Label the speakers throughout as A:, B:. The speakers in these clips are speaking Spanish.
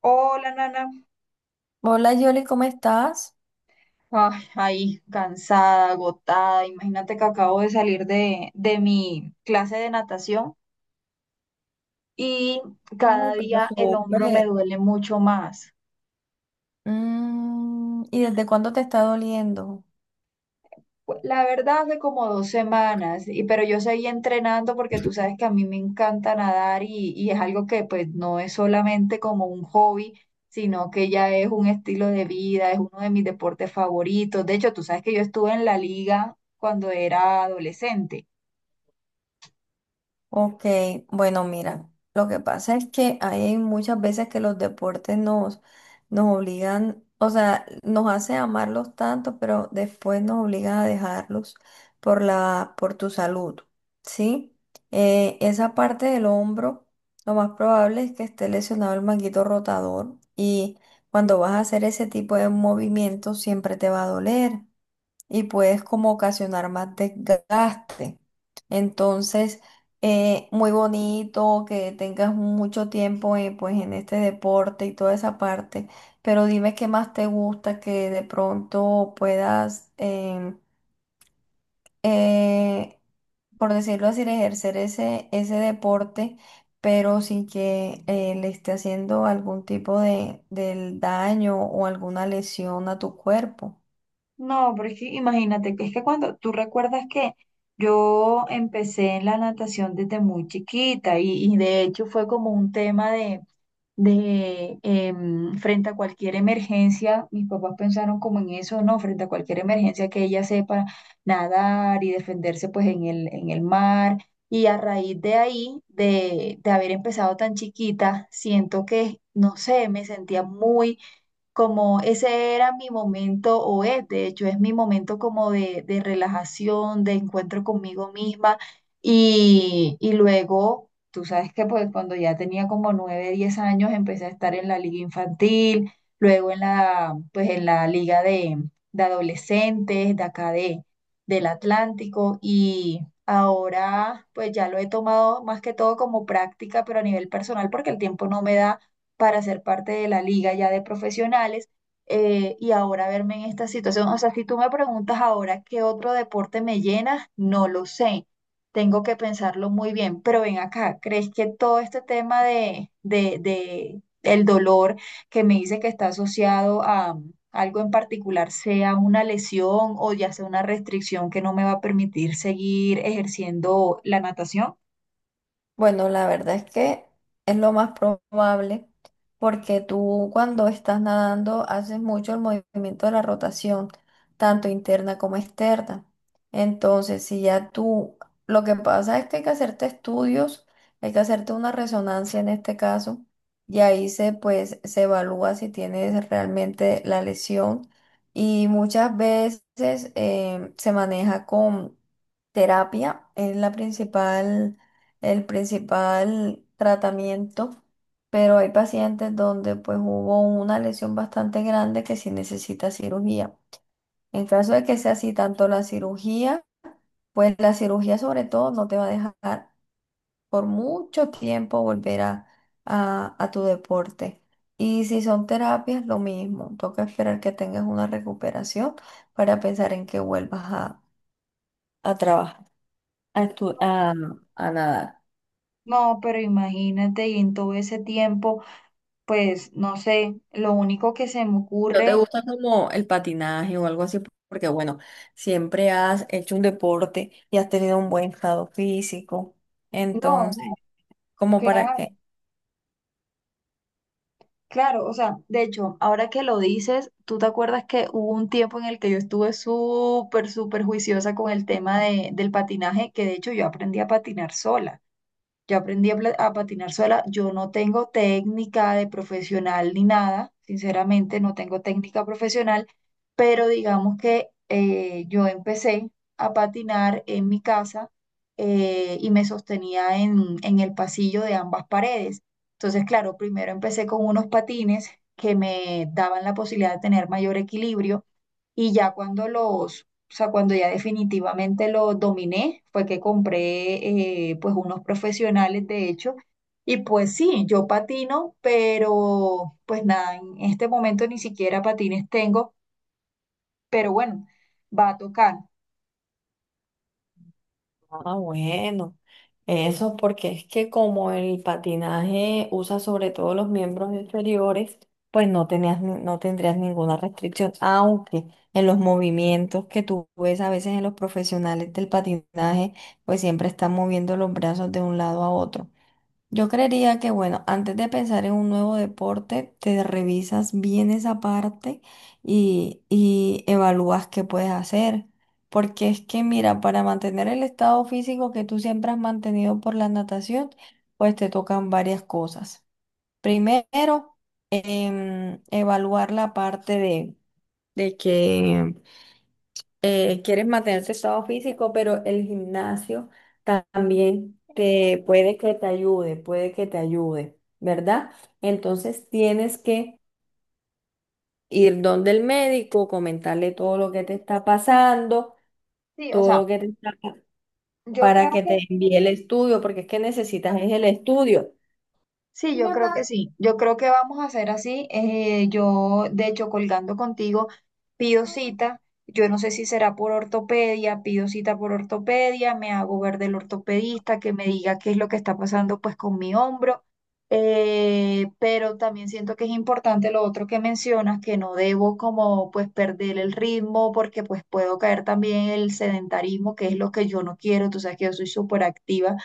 A: Hola, Nana.
B: Hola Yoli, ¿cómo estás?
A: Ay, ahí, cansada, agotada. Imagínate que acabo de salir de mi clase de natación y cada
B: Ay, pero
A: día el hombro me
B: súper.
A: duele mucho más.
B: Mm, ¿y desde cuándo te está doliendo?
A: Pues, la verdad, hace como dos semanas, pero yo seguí entrenando porque tú sabes que a mí me encanta nadar y es algo que pues no es solamente como un hobby, sino que ya es un estilo de vida, es uno de mis deportes favoritos. De hecho, tú sabes que yo estuve en la liga cuando era adolescente.
B: Ok, bueno, mira, lo que pasa es que hay muchas veces que los deportes nos obligan, o sea, nos hace amarlos tanto, pero después nos obligan a dejarlos por tu salud, ¿sí? Esa parte del hombro, lo más probable es que esté lesionado el manguito rotador y cuando vas a hacer ese tipo de movimientos siempre te va a doler y puedes como ocasionar más desgaste. Entonces, muy bonito que tengas mucho tiempo pues en este deporte y toda esa parte, pero dime qué más te gusta que de pronto puedas, eh, por decirlo así, ejercer ese deporte, pero sin que le esté haciendo algún tipo del daño o alguna lesión a tu cuerpo.
A: No, pero es que imagínate, que es que cuando tú recuerdas que yo empecé en la natación desde muy chiquita y de hecho fue como un tema de frente a cualquier emergencia, mis papás pensaron como en eso, ¿no? Frente a cualquier emergencia que ella sepa nadar y defenderse pues en el mar. Y a raíz de ahí, de haber empezado tan chiquita, siento que, no sé, me sentía muy como ese era mi momento, o es, de hecho, es mi momento como de relajación, de encuentro conmigo misma. Y luego, tú sabes que pues cuando ya tenía como 9 10 años, empecé a estar en la liga infantil, luego en pues en la liga de adolescentes, de acá del Atlántico. Y ahora pues ya lo he tomado más que todo como práctica, pero a nivel personal, porque el tiempo no me da para ser parte de la liga ya de profesionales y ahora verme en esta situación. O sea, si tú me preguntas ahora qué otro deporte me llena, no lo sé. Tengo que pensarlo muy bien, pero ven acá, ¿crees que todo este tema de el dolor que me dice que está asociado a algo en particular, sea una lesión o ya sea una restricción que no me va a permitir seguir ejerciendo la natación?
B: Bueno, la verdad es que es lo más probable porque tú cuando estás nadando haces mucho el movimiento de la rotación, tanto interna como externa. Entonces, si ya tú, lo que pasa es que hay que hacerte estudios, hay que hacerte una resonancia en este caso y ahí se pues se evalúa si tienes realmente la lesión y muchas veces se maneja con terapia, es la principal el principal tratamiento, pero hay pacientes donde pues hubo una lesión bastante grande que sí necesita cirugía. En caso de que sea así, tanto la cirugía, pues la cirugía sobre todo no te va a dejar por mucho tiempo a tu deporte. Y si son terapias, lo mismo. Toca esperar que tengas una recuperación para pensar en que a trabajar, a, estu- a nadar.
A: No, pero imagínate, y en todo ese tiempo pues no sé, lo único que se me
B: ¿No te
A: ocurre,
B: gusta como el patinaje o algo así? Porque bueno, siempre has hecho un deporte y has tenido un buen estado físico. Entonces,
A: no,
B: ¿como para
A: claro,
B: qué?
A: claro, o sea, de hecho, ahora que lo dices, tú te acuerdas que hubo un tiempo en el que yo estuve súper, súper juiciosa con el tema del patinaje, que de hecho yo aprendí a patinar sola. Yo aprendí a patinar sola. Yo no tengo técnica de profesional ni nada, sinceramente, no tengo técnica profesional, pero digamos que yo empecé a patinar en mi casa y me sostenía en el pasillo de ambas paredes. Entonces, claro, primero empecé con unos patines que me daban la posibilidad de tener mayor equilibrio. Y ya cuando los, o sea, cuando ya definitivamente los dominé, fue que compré pues unos profesionales, de hecho. Y pues sí, yo patino, pero pues nada, en este momento ni siquiera patines tengo, pero bueno, va a tocar.
B: Ah, bueno, eso porque es que como el patinaje usa sobre todo los miembros inferiores, pues no tenías, ni- no tendrías ninguna restricción, aunque en los movimientos que tú ves a veces en los profesionales del patinaje, pues siempre están moviendo los brazos de un lado a otro. Yo creería que, bueno, antes de pensar en un nuevo deporte, te revisas bien esa parte y evalúas qué puedes hacer. Porque es que, mira, para mantener el estado físico que tú siempre has mantenido por la natación, pues te tocan varias cosas. Primero, evaluar la parte de que quieres mantener tu estado físico, pero el gimnasio también te puede que te ayude, puede que te ayude, ¿verdad? Entonces tienes que ir donde el médico, comentarle todo lo que te está pasando,
A: Sí, o
B: todo
A: sea,
B: lo que te está
A: yo
B: para
A: creo
B: que
A: que
B: te envíe el estudio, porque es que necesitas es el estudio.
A: sí, yo creo que sí. Yo creo que vamos a hacer así. Yo, de hecho, colgando contigo, pido cita. Yo no sé si será por ortopedia, pido cita por ortopedia, me hago ver del ortopedista que me diga qué es lo que está pasando pues con mi hombro. Pero también siento que es importante lo otro que mencionas, que no debo como pues perder el ritmo porque pues puedo caer también en el sedentarismo, que es lo que yo no quiero. Tú sabes que yo soy súper activa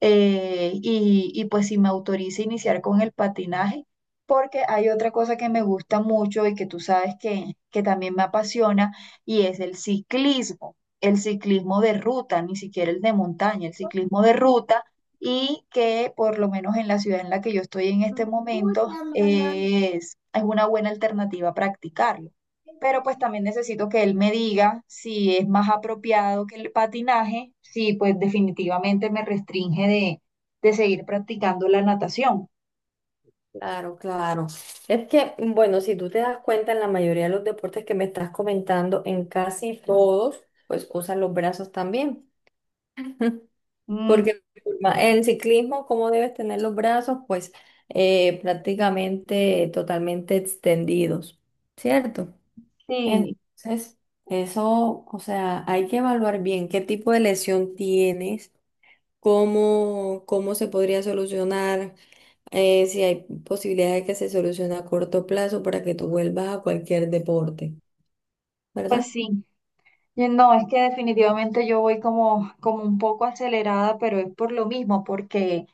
A: y pues si me autoriza iniciar con el patinaje, porque hay otra cosa que me gusta mucho y que tú sabes que también me apasiona y es el ciclismo de ruta, ni siquiera el de montaña, el ciclismo de ruta y que por lo menos en la ciudad en la que yo estoy en este momento es una buena alternativa practicarlo pero pues también necesito que él me diga si es más apropiado que el patinaje, si pues definitivamente me restringe de seguir practicando la natación.
B: Claro, claro. Es que, mm, bueno, si tú te das cuenta, en la mayoría de los deportes que me estás comentando, en casi todos, pues usan los brazos también.
A: Mm,
B: Porque en ciclismo, ¿cómo debes tener los brazos? Pues prácticamente totalmente extendidos, ¿cierto?
A: sí,
B: Entonces, eso, o sea, hay que evaluar bien qué tipo de lesión tienes cómo se podría solucionar, si hay posibilidad de que se solucione a corto plazo para que tú vuelvas a cualquier deporte,
A: pues
B: ¿verdad?
A: sí. Y no, es que definitivamente yo voy como, como un poco acelerada, pero es por lo mismo, porque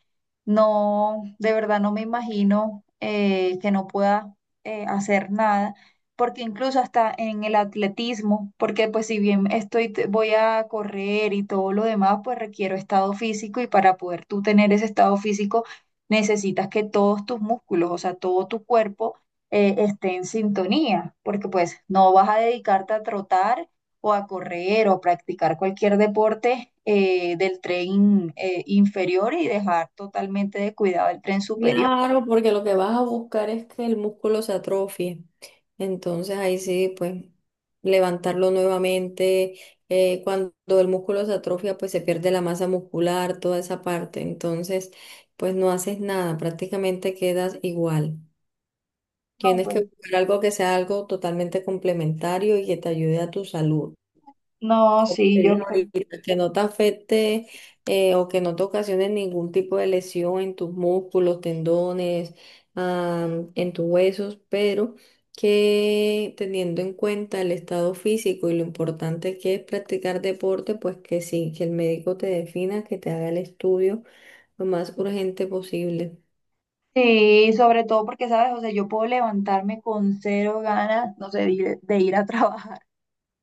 A: no, de verdad no me imagino que no pueda hacer nada, porque incluso hasta en el atletismo, porque pues si bien estoy, voy a correr y todo lo demás, pues requiero estado físico y para poder tú tener ese estado físico necesitas que todos tus músculos, o sea, todo tu cuerpo esté en sintonía, porque pues no vas a dedicarte a trotar o a correr o practicar cualquier deporte del tren inferior y dejar totalmente descuidado el tren superior.
B: Claro, porque lo que vas a buscar es que el músculo se atrofie. Entonces ahí sí, pues levantarlo nuevamente. Cuando el músculo se atrofia, pues se pierde la masa muscular, toda esa parte. Entonces, pues no haces nada, prácticamente quedas igual.
A: No,
B: Tienes
A: pues
B: que buscar algo que sea algo totalmente complementario y que te ayude a tu salud.
A: no,
B: Como
A: sí,
B: te dije
A: yo creo.
B: ahorita, que no te afecte o que no te ocasione ningún tipo de lesión en tus músculos, tendones, en tus huesos, pero que teniendo en cuenta el estado físico y lo importante que es practicar deporte, pues que sí, que el médico te defina, que te haga el estudio lo más urgente posible.
A: Sí, sobre todo porque, ¿sabes? O sea, yo puedo levantarme con cero ganas, no sé, de ir a trabajar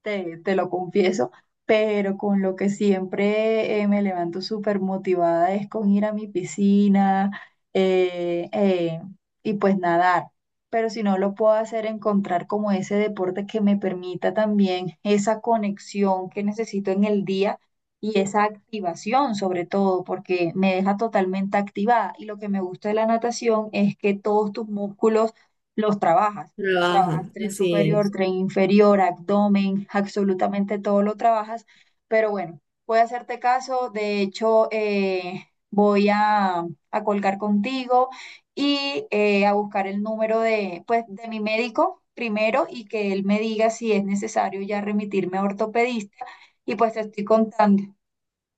A: te, te lo confieso, pero con lo que siempre me levanto súper motivada es con ir a mi piscina eh, eh, y pues nadar. Pero si no lo puedo hacer, encontrar como ese deporte que me permita también esa conexión que necesito en el día y esa activación sobre todo, porque me deja totalmente activada. Y lo que me gusta de la natación es que todos tus músculos los trabajas
B: Trabaja,
A: tren
B: así
A: superior,
B: es.
A: tren inferior, abdomen, absolutamente todo lo trabajas, pero bueno, voy a hacerte caso, de hecho, voy a colgar contigo y a buscar el número pues, de mi médico primero y que él me diga si es necesario ya remitirme a ortopedista y pues te estoy contando.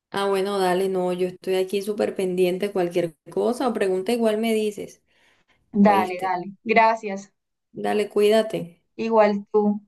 B: Ah, bueno, dale, no, yo estoy aquí súper pendiente de cualquier cosa o pregunta igual me dices,
A: Dale,
B: ¿oíste?
A: dale, gracias,
B: Dale, cuídate.
A: igual tú.